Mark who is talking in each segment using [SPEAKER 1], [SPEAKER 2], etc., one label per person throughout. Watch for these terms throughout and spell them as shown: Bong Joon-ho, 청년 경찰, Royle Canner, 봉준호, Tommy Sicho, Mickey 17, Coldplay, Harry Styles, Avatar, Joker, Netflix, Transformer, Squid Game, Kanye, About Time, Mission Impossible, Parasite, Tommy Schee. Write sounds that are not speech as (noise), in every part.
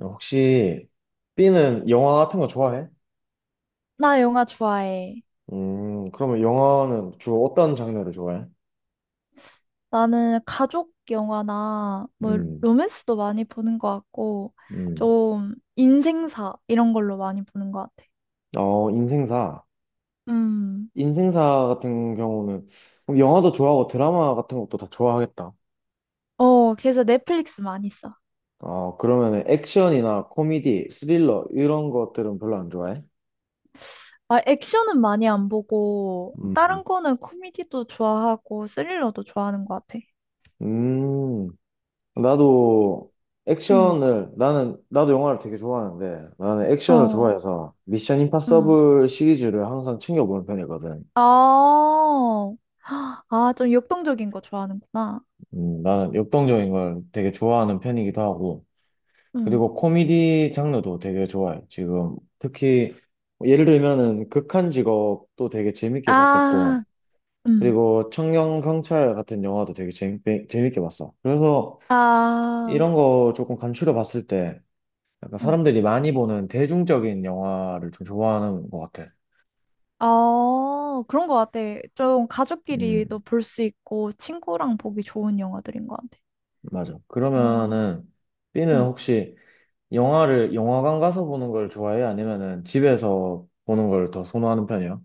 [SPEAKER 1] 혹시 B는 영화 같은 거 좋아해?
[SPEAKER 2] 나 영화 좋아해.
[SPEAKER 1] 그러면 영화는 주로 어떤 장르를 좋아해?
[SPEAKER 2] 나는 가족 영화나 뭐
[SPEAKER 1] 음.
[SPEAKER 2] 로맨스도 많이 보는 것 같고
[SPEAKER 1] 음.
[SPEAKER 2] 좀 인생사 이런 걸로 많이 보는 것 같아.
[SPEAKER 1] 어, 인생사.
[SPEAKER 2] 음.
[SPEAKER 1] 인생사 같은 경우는 그럼 영화도 좋아하고 드라마 같은 것도 다 좋아하겠다.
[SPEAKER 2] 어, 그래서 넷플릭스 많이 써.
[SPEAKER 1] 어, 그러면 액션이나 코미디, 스릴러 이런 것들은 별로 안 좋아해?
[SPEAKER 2] 아, 액션은 많이 안 보고
[SPEAKER 1] 음.
[SPEAKER 2] 다른 거는 코미디도 좋아하고 스릴러도 좋아하는 것 같아.
[SPEAKER 1] 음, 나도
[SPEAKER 2] 음.
[SPEAKER 1] 나도 영화를 되게 좋아하는데 나는 액션을
[SPEAKER 2] 어.
[SPEAKER 1] 좋아해서 미션
[SPEAKER 2] 음.
[SPEAKER 1] 임파서블 시리즈를 항상 챙겨보는 편이거든.
[SPEAKER 2] 아. 아, 좀 역동적인 거 좋아하는구나.
[SPEAKER 1] 나는 역동적인 걸 되게 좋아하는 편이기도 하고,
[SPEAKER 2] 음.
[SPEAKER 1] 그리고 코미디 장르도 되게 좋아해. 지금 특히 뭐 예를 들면은 극한 직업도 되게 재밌게 봤었고,
[SPEAKER 2] 아. 음.
[SPEAKER 1] 그리고 청년 경찰 같은 영화도 되게 재밌게 봤어. 그래서
[SPEAKER 2] 아.
[SPEAKER 1] 이런 거 조금 간추려 봤을 때, 약간
[SPEAKER 2] 음.
[SPEAKER 1] 사람들이 많이 보는 대중적인 영화를 좀 좋아하는 것 같아.
[SPEAKER 2] 아, 그런 것 같아. 좀
[SPEAKER 1] 음,
[SPEAKER 2] 가족끼리도 볼 수 있고 친구랑 보기 좋은 영화들인 것 같아.
[SPEAKER 1] 맞아.
[SPEAKER 2] 어,
[SPEAKER 1] 그러면은 B는
[SPEAKER 2] 응.
[SPEAKER 1] 혹시 영화를 영화관 가서 보는 걸 좋아해? 아니면은 집에서 보는 걸 더 선호하는 편이야?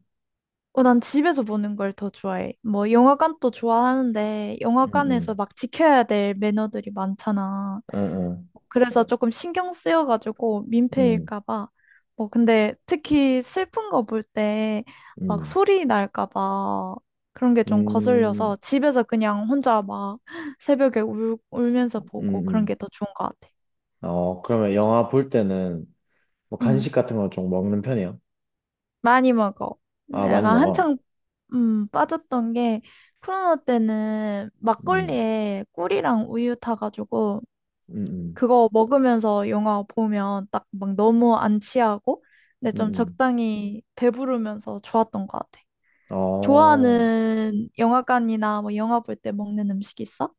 [SPEAKER 2] 어, 난 집에서 보는 걸 더 좋아해. 뭐 영화관도 좋아하는데
[SPEAKER 1] 응,
[SPEAKER 2] 영화관에서
[SPEAKER 1] 응,
[SPEAKER 2] 막 지켜야 될 매너들이 많잖아.
[SPEAKER 1] 응,
[SPEAKER 2] 그래서 조금 신경 쓰여가지고
[SPEAKER 1] 응,
[SPEAKER 2] 민폐일까 봐. 뭐 근데 특히 슬픈 거 볼 때 막
[SPEAKER 1] 응,
[SPEAKER 2] 소리 날까 봐 그런 게 좀 거슬려서
[SPEAKER 1] 응,
[SPEAKER 2] 집에서 그냥 혼자 막 (laughs) 새벽에 울면서 보고 그런
[SPEAKER 1] 응,
[SPEAKER 2] 게 더 좋은 것 같아.
[SPEAKER 1] 응. 어, 그러면 영화 볼 때는 뭐
[SPEAKER 2] 음,
[SPEAKER 1] 간식 같은 거 좀 먹는 편이야?
[SPEAKER 2] 많이 먹어.
[SPEAKER 1] 아, 많이
[SPEAKER 2] 내가
[SPEAKER 1] 먹어.
[SPEAKER 2] 한창 빠졌던 게 코로나 때는
[SPEAKER 1] 음.
[SPEAKER 2] 막걸리에 꿀이랑 우유 타가지고
[SPEAKER 1] 음. 음.
[SPEAKER 2] 그거 먹으면서 영화 보면 딱 막 너무 안 취하고 근데 좀
[SPEAKER 1] 음.
[SPEAKER 2] 적당히 배부르면서 좋았던 것 같아.
[SPEAKER 1] 음. 어,
[SPEAKER 2] 좋아하는 영화관이나 뭐 영화 볼 때 먹는 음식 있어?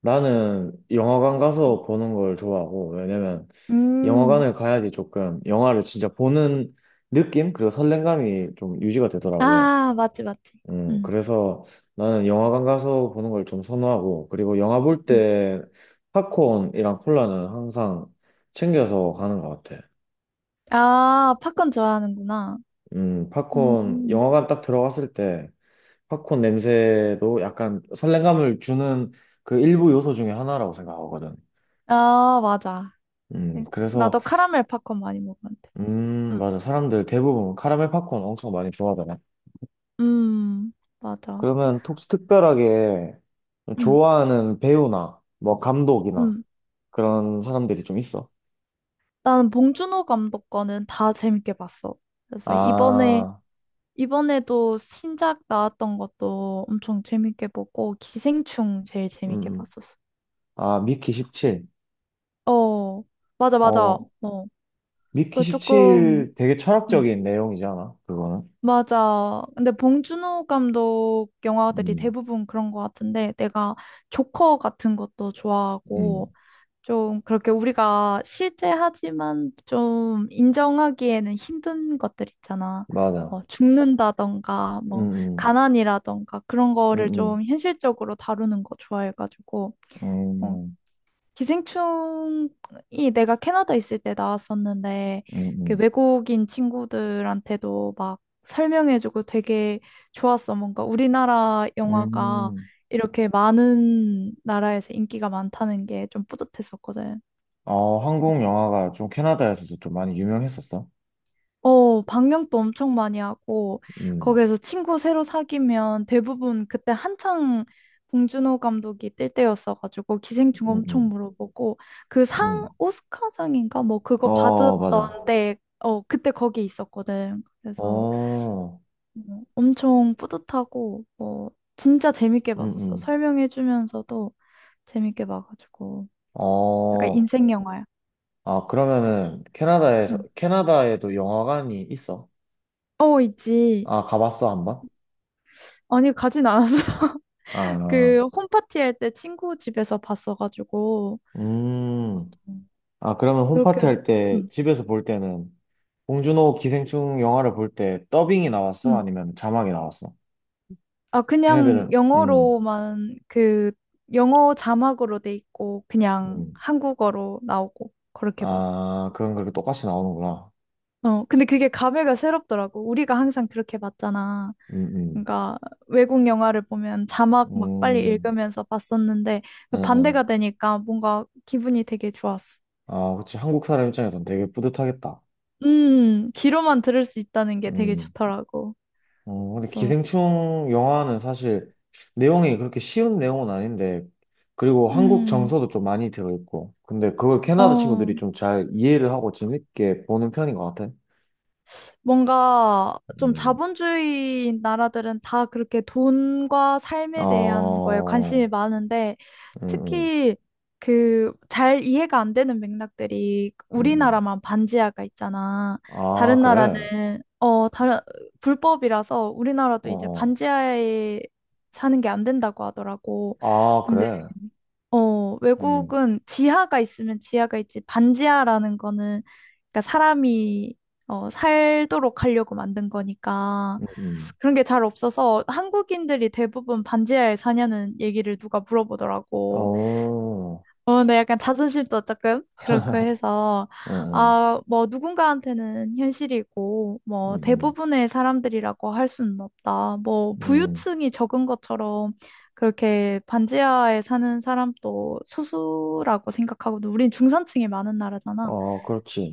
[SPEAKER 1] 나는 영화관 가서 보는 걸 좋아하고, 왜냐면
[SPEAKER 2] 음,
[SPEAKER 1] 영화관을 가야지 조금 영화를 진짜 보는 느낌? 그리고 설렘감이 좀 유지가 되더라고.
[SPEAKER 2] 아, 맞지, 맞지. 음.
[SPEAKER 1] 그래서 나는 영화관 가서 보는 걸 좀 선호하고, 그리고 영화 볼
[SPEAKER 2] 음.
[SPEAKER 1] 때 팝콘이랑 콜라는 항상 챙겨서 가는 것 같아.
[SPEAKER 2] 아, 팝콘 좋아하는구나.
[SPEAKER 1] 팝콘,
[SPEAKER 2] 음,
[SPEAKER 1] 영화관 딱 들어갔을 때 팝콘 냄새도 약간 설렘감을 주는 그 일부 요소 중에 하나라고 생각하거든.
[SPEAKER 2] 아, 맞아. 네.
[SPEAKER 1] 그래서,
[SPEAKER 2] 나도 카라멜 팝콘 많이 먹었는데. 음,
[SPEAKER 1] 맞아. 사람들 대부분 카라멜 팝콘 엄청 많이 좋아하더라.
[SPEAKER 2] 음, 맞아.
[SPEAKER 1] 그러면 혹시 특별하게
[SPEAKER 2] 음,
[SPEAKER 1] 좋아하는 배우나 뭐 감독이나
[SPEAKER 2] 음.
[SPEAKER 1] 그런 사람들이 좀 있어?
[SPEAKER 2] 나는 봉준호 감독 거는 다 재밌게 봤어. 그래서 이번에,
[SPEAKER 1] 아.
[SPEAKER 2] 이번에도 신작 나왔던 것도 엄청 재밌게 보고, 기생충 제일
[SPEAKER 1] 음.
[SPEAKER 2] 재밌게
[SPEAKER 1] 음.
[SPEAKER 2] 봤었어.
[SPEAKER 1] 아, 미키 17.
[SPEAKER 2] 어, 맞아, 맞아.
[SPEAKER 1] 어,
[SPEAKER 2] 어,
[SPEAKER 1] 미키
[SPEAKER 2] 그 조금,
[SPEAKER 1] 17 되게
[SPEAKER 2] 음,
[SPEAKER 1] 철학적인 내용이잖아, 그거는.
[SPEAKER 2] 맞아. 근데 봉준호 감독 영화들이
[SPEAKER 1] 음.
[SPEAKER 2] 대부분 그런 것 같은데, 내가 조커 같은 것도
[SPEAKER 1] 음.
[SPEAKER 2] 좋아하고, 좀 그렇게 우리가 실제 하지만 좀 인정하기에는 힘든 것들 있잖아.
[SPEAKER 1] 맞아.
[SPEAKER 2] 뭐 죽는다던가 뭐
[SPEAKER 1] 음.
[SPEAKER 2] 가난이라던가 그런
[SPEAKER 1] 음.
[SPEAKER 2] 거를 좀
[SPEAKER 1] 음.
[SPEAKER 2] 현실적으로 다루는 거 좋아해가지고 어,
[SPEAKER 1] 음.
[SPEAKER 2] 기생충이 내가 캐나다 있을 때 나왔었는데
[SPEAKER 1] 음.
[SPEAKER 2] 그
[SPEAKER 1] 음.
[SPEAKER 2] 외국인 친구들한테도 막 설명해주고 되게 좋았어. 뭔가 우리나라
[SPEAKER 1] 음.
[SPEAKER 2] 영화가
[SPEAKER 1] 음.
[SPEAKER 2] 이렇게 많은 나라에서 인기가 많다는 게 좀 뿌듯했었거든.
[SPEAKER 1] 어, 한국 영화가 좀 캐나다에서도 좀 많이 유명했었어.
[SPEAKER 2] 어, 방영도 엄청 많이 하고,
[SPEAKER 1] 음.
[SPEAKER 2] 거기에서 친구 새로 사귀면 대부분 그때 한창 봉준호 감독이 뜰 때였어가지고, 기생충
[SPEAKER 1] 음.
[SPEAKER 2] 엄청
[SPEAKER 1] 음.
[SPEAKER 2] 물어보고, 그 상,
[SPEAKER 1] 음.
[SPEAKER 2] 오스카상인가? 뭐 그거
[SPEAKER 1] 어, 맞아.
[SPEAKER 2] 받았던 때, 어, 그때 거기 있었거든. 그래서
[SPEAKER 1] 어.
[SPEAKER 2] 뭐 엄청 뿌듯하고, 뭐, 진짜 재밌게
[SPEAKER 1] 음.
[SPEAKER 2] 봤었어.
[SPEAKER 1] 음.
[SPEAKER 2] 설명해주면서도 재밌게 봐가지고. 약간
[SPEAKER 1] 어.
[SPEAKER 2] 인생 영화야.
[SPEAKER 1] 아, 그러면은 캐나다에서,
[SPEAKER 2] 응.
[SPEAKER 1] 캐나다에도 영화관이 있어?
[SPEAKER 2] 어, 있지.
[SPEAKER 1] 아, 가봤어, 한 번?
[SPEAKER 2] 아니, 가진 않았어.
[SPEAKER 1] 아.
[SPEAKER 2] 그 홈파티 할 때 친구 집에서 봤어가지고
[SPEAKER 1] 음.
[SPEAKER 2] 음.
[SPEAKER 1] 아, 그러면 홈파티
[SPEAKER 2] 그렇게
[SPEAKER 1] 할 때,
[SPEAKER 2] 음,
[SPEAKER 1] 집에서 볼 때는, 봉준호 기생충 영화를 볼 때 더빙이 나왔어?
[SPEAKER 2] 음.
[SPEAKER 1] 아니면 자막이 나왔어?
[SPEAKER 2] 아 그냥
[SPEAKER 1] 걔네들은. 음.
[SPEAKER 2] 영어로만 그 영어 자막으로 돼 있고 그냥
[SPEAKER 1] 음.
[SPEAKER 2] 한국어로 나오고 그렇게 봤어.
[SPEAKER 1] 아, 그건 그렇게 똑같이 나오는구나.
[SPEAKER 2] 어 근데 그게 감회가 새롭더라고. 우리가 항상 그렇게 봤잖아.
[SPEAKER 1] 음. 음.
[SPEAKER 2] 그러니까 외국 영화를 보면 자막 막 빨리
[SPEAKER 1] 음.
[SPEAKER 2] 읽으면서 봤었는데 그
[SPEAKER 1] 음.
[SPEAKER 2] 반대가
[SPEAKER 1] 음.
[SPEAKER 2] 되니까 뭔가 기분이 되게 좋았어.
[SPEAKER 1] 아, 그치. 한국 사람 입장에선 되게 뿌듯하겠다.
[SPEAKER 2] 귀로만 들을 수 있다는 게 되게
[SPEAKER 1] 음.
[SPEAKER 2] 좋더라고.
[SPEAKER 1] 근데
[SPEAKER 2] 그래서
[SPEAKER 1] 기생충 영화는 사실 내용이 그렇게 쉬운 내용은 아닌데, 그리고 한국
[SPEAKER 2] 음.
[SPEAKER 1] 정서도 좀 많이 들어있고, 근데 그걸 캐나다
[SPEAKER 2] 어,
[SPEAKER 1] 친구들이 좀 잘 이해를 하고 재밌게 보는 편인 것 같아.
[SPEAKER 2] 뭔가 좀
[SPEAKER 1] 음.
[SPEAKER 2] 자본주의 나라들은 다 그렇게 돈과 삶에 대한 거에
[SPEAKER 1] 어.
[SPEAKER 2] 관심이 많은데
[SPEAKER 1] 음. 음.
[SPEAKER 2] 특히 그 잘 이해가 안 되는 맥락들이
[SPEAKER 1] 음. 음.
[SPEAKER 2] 우리나라만 반지하가 있잖아.
[SPEAKER 1] 아,
[SPEAKER 2] 다른
[SPEAKER 1] 그래.
[SPEAKER 2] 나라는 어 다른 불법이라서 우리나라도
[SPEAKER 1] 어,
[SPEAKER 2] 이제
[SPEAKER 1] 어.
[SPEAKER 2] 반지하에 사는 게 안 된다고 하더라고.
[SPEAKER 1] 아,
[SPEAKER 2] 근데
[SPEAKER 1] 그래.
[SPEAKER 2] 어,
[SPEAKER 1] 음.
[SPEAKER 2] 외국은 지하가 있으면 지하가 있지, 반지하라는 거는, 그러니까 사람이, 어, 살도록 하려고 만든 거니까,
[SPEAKER 1] 음. 음.
[SPEAKER 2] 그런 게 잘 없어서 한국인들이 대부분 반지하에 사냐는 얘기를 누가 물어보더라고.
[SPEAKER 1] 어.
[SPEAKER 2] 어, 네, 약간 자존심도 조금 그렇고
[SPEAKER 1] (laughs)
[SPEAKER 2] 해서,
[SPEAKER 1] 음. 음.
[SPEAKER 2] 아, 뭐, 누군가한테는 현실이고, 뭐,
[SPEAKER 1] 음.
[SPEAKER 2] 대부분의 사람들이라고 할 수는 없다. 뭐,
[SPEAKER 1] 음. 음.
[SPEAKER 2] 부유층이 적은 것처럼 그렇게 반지하에 사는 사람도 소수라고 생각하고, 우린 중산층이 많은 나라잖아.
[SPEAKER 1] 어, 그렇지.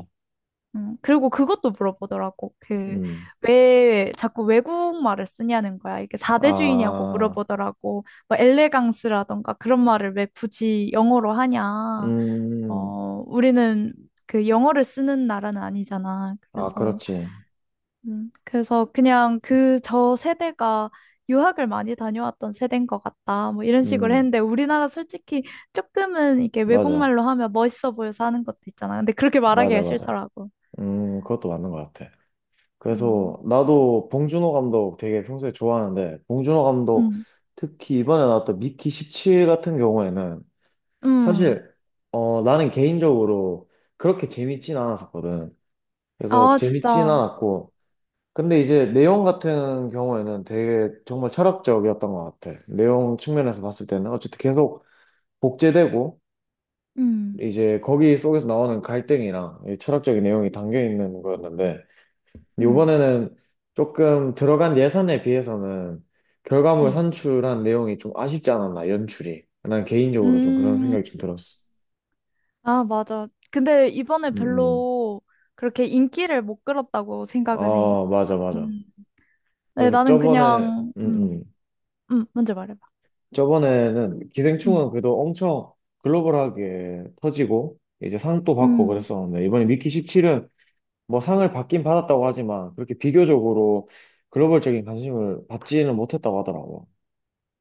[SPEAKER 2] 그리고 그것도 물어보더라고. 그,
[SPEAKER 1] 음.
[SPEAKER 2] 왜 자꾸 외국말을 쓰냐는 거야. 이게 사대주의냐고
[SPEAKER 1] 아.
[SPEAKER 2] 물어보더라고. 뭐, 엘레강스라던가 그런 말을 왜 굳이 영어로 하냐.
[SPEAKER 1] 음.
[SPEAKER 2] 어, 우리는 그 영어를 쓰는 나라는 아니잖아.
[SPEAKER 1] 아,
[SPEAKER 2] 그래서,
[SPEAKER 1] 그렇지.
[SPEAKER 2] 그래서 그냥 그 저 세대가 유학을 많이 다녀왔던 세대인 것 같다. 뭐 이런 식으로
[SPEAKER 1] 음,
[SPEAKER 2] 했는데 우리나라 솔직히 조금은 이게
[SPEAKER 1] 맞아.
[SPEAKER 2] 외국말로 하면 멋있어 보여서 하는 것도 있잖아. 근데 그렇게
[SPEAKER 1] 맞아,
[SPEAKER 2] 말하기가
[SPEAKER 1] 맞아.
[SPEAKER 2] 싫더라고.
[SPEAKER 1] 그것도 맞는 것 같아.
[SPEAKER 2] 음,
[SPEAKER 1] 그래서 나도 봉준호 감독 되게 평소에 좋아하는데, 봉준호 감독
[SPEAKER 2] 음,
[SPEAKER 1] 특히 이번에 나왔던 미키 17 같은 경우에는
[SPEAKER 2] 음.
[SPEAKER 1] 사실, 어, 나는 개인적으로 그렇게 재밌진 않았었거든. 그래서
[SPEAKER 2] 아,
[SPEAKER 1] 재밌진
[SPEAKER 2] 진짜.
[SPEAKER 1] 않았고, 근데 이제 내용 같은 경우에는 되게 정말 철학적이었던 것 같아. 내용 측면에서 봤을 때는 어쨌든 계속 복제되고,
[SPEAKER 2] 음,
[SPEAKER 1] 이제 거기 속에서 나오는 갈등이랑 이 철학적인 내용이 담겨 있는 거였는데
[SPEAKER 2] 음,
[SPEAKER 1] 이번에는 조금 들어간 예산에 비해서는 결과물
[SPEAKER 2] 음.
[SPEAKER 1] 산출한 내용이 좀 아쉽지 않았나 연출이 난 개인적으로 좀 그런
[SPEAKER 2] 음,
[SPEAKER 1] 생각이 좀 들었어.
[SPEAKER 2] 아, 맞아. 근데 이번에
[SPEAKER 1] 음. 음.
[SPEAKER 2] 별로 그렇게 인기를 못 끌었다고 생각은 해.
[SPEAKER 1] 아, 맞아, 맞아.
[SPEAKER 2] 음. 네,
[SPEAKER 1] 그래서
[SPEAKER 2] 나는
[SPEAKER 1] 저번에
[SPEAKER 2] 그냥,
[SPEAKER 1] 음. 음.
[SPEAKER 2] 먼저 말해봐.
[SPEAKER 1] 저번에는
[SPEAKER 2] 음,
[SPEAKER 1] 기생충은 그래도 엄청 글로벌하게 터지고 이제 상도 받고
[SPEAKER 2] 음.
[SPEAKER 1] 그랬었는데 이번에 미키 17은 뭐 상을 받긴 받았다고 하지만 그렇게 비교적으로 글로벌적인 관심을 받지는 못했다고 하더라고.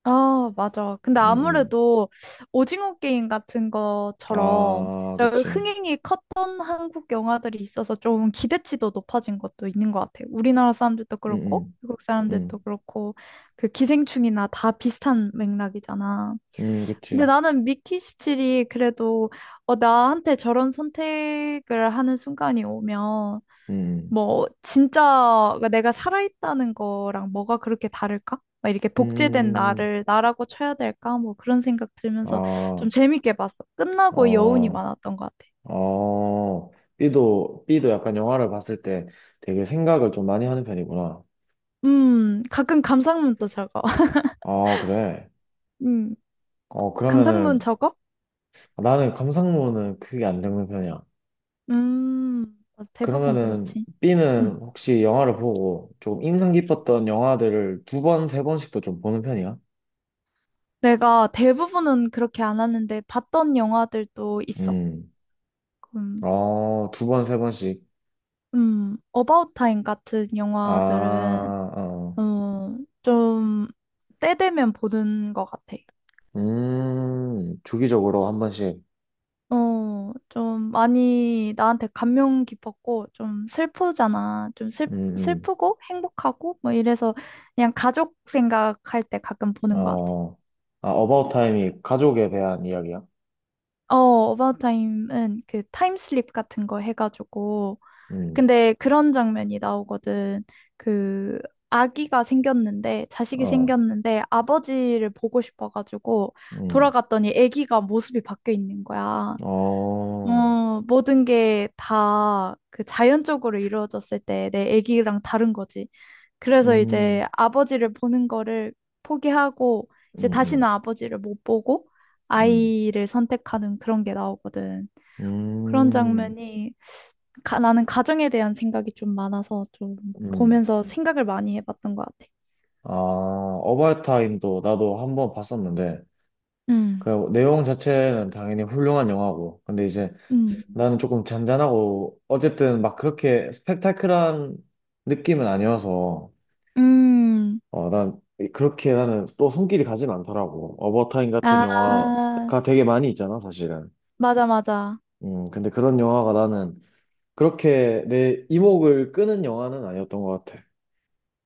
[SPEAKER 2] 아, 맞아. 근데
[SPEAKER 1] 음. 음.
[SPEAKER 2] 아무래도 오징어 게임 같은 것처럼
[SPEAKER 1] 아,
[SPEAKER 2] 저
[SPEAKER 1] 그치.
[SPEAKER 2] 흥행이 컸던 한국 영화들이 있어서 좀 기대치도 높아진 것도 있는 것 같아요. 우리나라 사람들도
[SPEAKER 1] 음.
[SPEAKER 2] 그렇고,
[SPEAKER 1] 음.
[SPEAKER 2] 외국 사람들도
[SPEAKER 1] 음.
[SPEAKER 2] 그렇고, 그 기생충이나 다 비슷한 맥락이잖아. 근데
[SPEAKER 1] 그치.
[SPEAKER 2] 나는 미키 17이 그래도 어, 나한테 저런 선택을 하는 순간이 오면
[SPEAKER 1] 음.
[SPEAKER 2] 뭐 진짜 내가 살아있다는 거랑 뭐가 그렇게 다를까? 막 이렇게
[SPEAKER 1] 음.
[SPEAKER 2] 복제된
[SPEAKER 1] 음. 음.
[SPEAKER 2] 나를 나라고 쳐야 될까? 뭐 그런 생각 들면서 좀
[SPEAKER 1] 아,
[SPEAKER 2] 재밌게 봤어. 끝나고 여운이
[SPEAKER 1] 어,
[SPEAKER 2] 많았던 것 같아.
[SPEAKER 1] 어. B도, B도 약간 영화를 봤을 때 되게 생각을 좀 많이 하는 편이구나.
[SPEAKER 2] 가끔 감상문도 적어. (laughs)
[SPEAKER 1] 아, 그래.
[SPEAKER 2] 음,
[SPEAKER 1] 어,
[SPEAKER 2] 감상문
[SPEAKER 1] 그러면은
[SPEAKER 2] 적어?
[SPEAKER 1] 나는 감상문은 크게 안 읽는 편이야.
[SPEAKER 2] 맞아. 대부분
[SPEAKER 1] 그러면은
[SPEAKER 2] 그렇지. 음,
[SPEAKER 1] B는 혹시 영화를 보고 조금 인상 깊었던 영화들을 두 번, 세 번씩도 좀 보는 편이야?
[SPEAKER 2] 내가 대부분은 그렇게 안 하는데 봤던 영화들도 있어.
[SPEAKER 1] 음.
[SPEAKER 2] 음,
[SPEAKER 1] 어, 두 번, 세 번씩.
[SPEAKER 2] 어바웃 타임 같은
[SPEAKER 1] 아,
[SPEAKER 2] 영화들은
[SPEAKER 1] 어.
[SPEAKER 2] 어, 좀, 때 되면 보는 것 같아.
[SPEAKER 1] 주기적으로 한 번씩.
[SPEAKER 2] 어, 좀 많이 나한테 감명 깊었고, 좀 슬프잖아. 좀 슬,
[SPEAKER 1] 음.
[SPEAKER 2] 슬프고 행복하고, 뭐 이래서 그냥 가족 생각할 때 가끔
[SPEAKER 1] 음.
[SPEAKER 2] 보는 것 같아.
[SPEAKER 1] 어. 아, 어바웃 타임이 가족에 대한 이야기야?
[SPEAKER 2] 어, 어바웃 타임은 그 타임슬립 같은 거 해가지고,
[SPEAKER 1] 음.
[SPEAKER 2] 근데 그런 장면이 나오거든. 그 아기가 생겼는데 자식이
[SPEAKER 1] 어.
[SPEAKER 2] 생겼는데 아버지를 보고 싶어가지고
[SPEAKER 1] 음.
[SPEAKER 2] 돌아갔더니 아기가 모습이 바뀌어 있는 거야.
[SPEAKER 1] 어.
[SPEAKER 2] 어, 모든 게 다 그 자연적으로 이루어졌을 때 내 아기랑 다른 거지. 그래서
[SPEAKER 1] 음.
[SPEAKER 2] 이제 아버지를 보는 거를 포기하고 이제
[SPEAKER 1] 음.
[SPEAKER 2] 다시는
[SPEAKER 1] 음.
[SPEAKER 2] 아버지를 못 보고
[SPEAKER 1] 음.
[SPEAKER 2] 아이를 선택하는 그런 게 나오거든. 그런
[SPEAKER 1] 음.
[SPEAKER 2] 장면이 나는 가정에 대한 생각이 좀 많아서 좀
[SPEAKER 1] 음.
[SPEAKER 2] 보면서 생각을 많이 해봤던 것 같아.
[SPEAKER 1] 아, 어바웃 타임도 나도 한 번 봤었는데
[SPEAKER 2] 음,
[SPEAKER 1] 그 내용 자체는 당연히 훌륭한 영화고, 근데 이제
[SPEAKER 2] 음.
[SPEAKER 1] 나는 조금 잔잔하고, 어쨌든 막 그렇게 스펙타클한 느낌은 아니어서,
[SPEAKER 2] 음.
[SPEAKER 1] 어, 난 그렇게 나는 또 손길이 가진 않더라고. 어버타임 같은
[SPEAKER 2] 아,
[SPEAKER 1] 영화가 되게 많이 있잖아, 사실은.
[SPEAKER 2] 맞아, 맞아.
[SPEAKER 1] 근데 그런 영화가 나는 그렇게 내 이목을 끄는 영화는 아니었던 것 같아.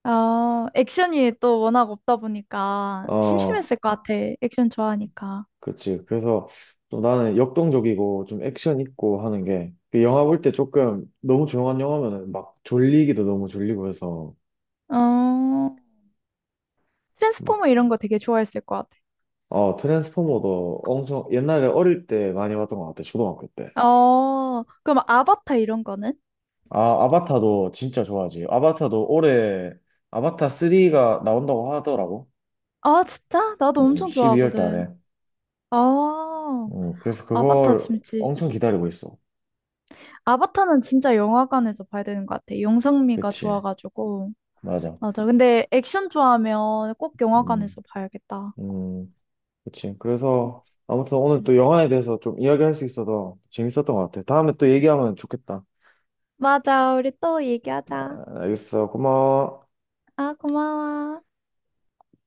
[SPEAKER 2] 어, 액션이 또 워낙 없다 보니까
[SPEAKER 1] 어,
[SPEAKER 2] 심심했을 것 같아. 액션 좋아하니까.
[SPEAKER 1] 그치. 그래서 좀 나는 역동적이고 좀 액션 있고 하는 게 그 영화 볼 때 조금 너무 조용한 영화면은 막 졸리기도 너무 졸리고 해서
[SPEAKER 2] 어, 트랜스포머
[SPEAKER 1] 막,
[SPEAKER 2] 이런 거 되게 좋아했을 것
[SPEAKER 1] 어, 트랜스포머도 엄청 옛날에 어릴 때 많이 봤던 것 같아. 초등학교 때.
[SPEAKER 2] 같아. 어, 그럼 아바타 이런 거는?
[SPEAKER 1] 아, 아바타도 진짜 좋아하지. 아바타도 올해 아바타 3가 나온다고 하더라고.
[SPEAKER 2] 아, 진짜? 나도 엄청
[SPEAKER 1] 12월
[SPEAKER 2] 좋아하거든.
[SPEAKER 1] 달에.
[SPEAKER 2] 아,
[SPEAKER 1] 그래서
[SPEAKER 2] 아바타
[SPEAKER 1] 그걸
[SPEAKER 2] 재밌지.
[SPEAKER 1] 엄청 기다리고 있어.
[SPEAKER 2] 아바타는 진짜 영화관에서 봐야 되는 것 같아. 영상미가
[SPEAKER 1] 그치.
[SPEAKER 2] 좋아가지고.
[SPEAKER 1] 맞아.
[SPEAKER 2] 맞아. 근데 액션 좋아하면 꼭
[SPEAKER 1] 음.
[SPEAKER 2] 영화관에서 봐야겠다.
[SPEAKER 1] 음. 그치. 그래서 아무튼 오늘
[SPEAKER 2] 응.
[SPEAKER 1] 또 영화에 대해서 좀 이야기할 수 있어서 재밌었던 것 같아. 다음에 또 얘기하면 좋겠다.
[SPEAKER 2] 맞아. 우리 또 얘기하자.
[SPEAKER 1] 아, 알겠어. 고마워.
[SPEAKER 2] 아, 고마워.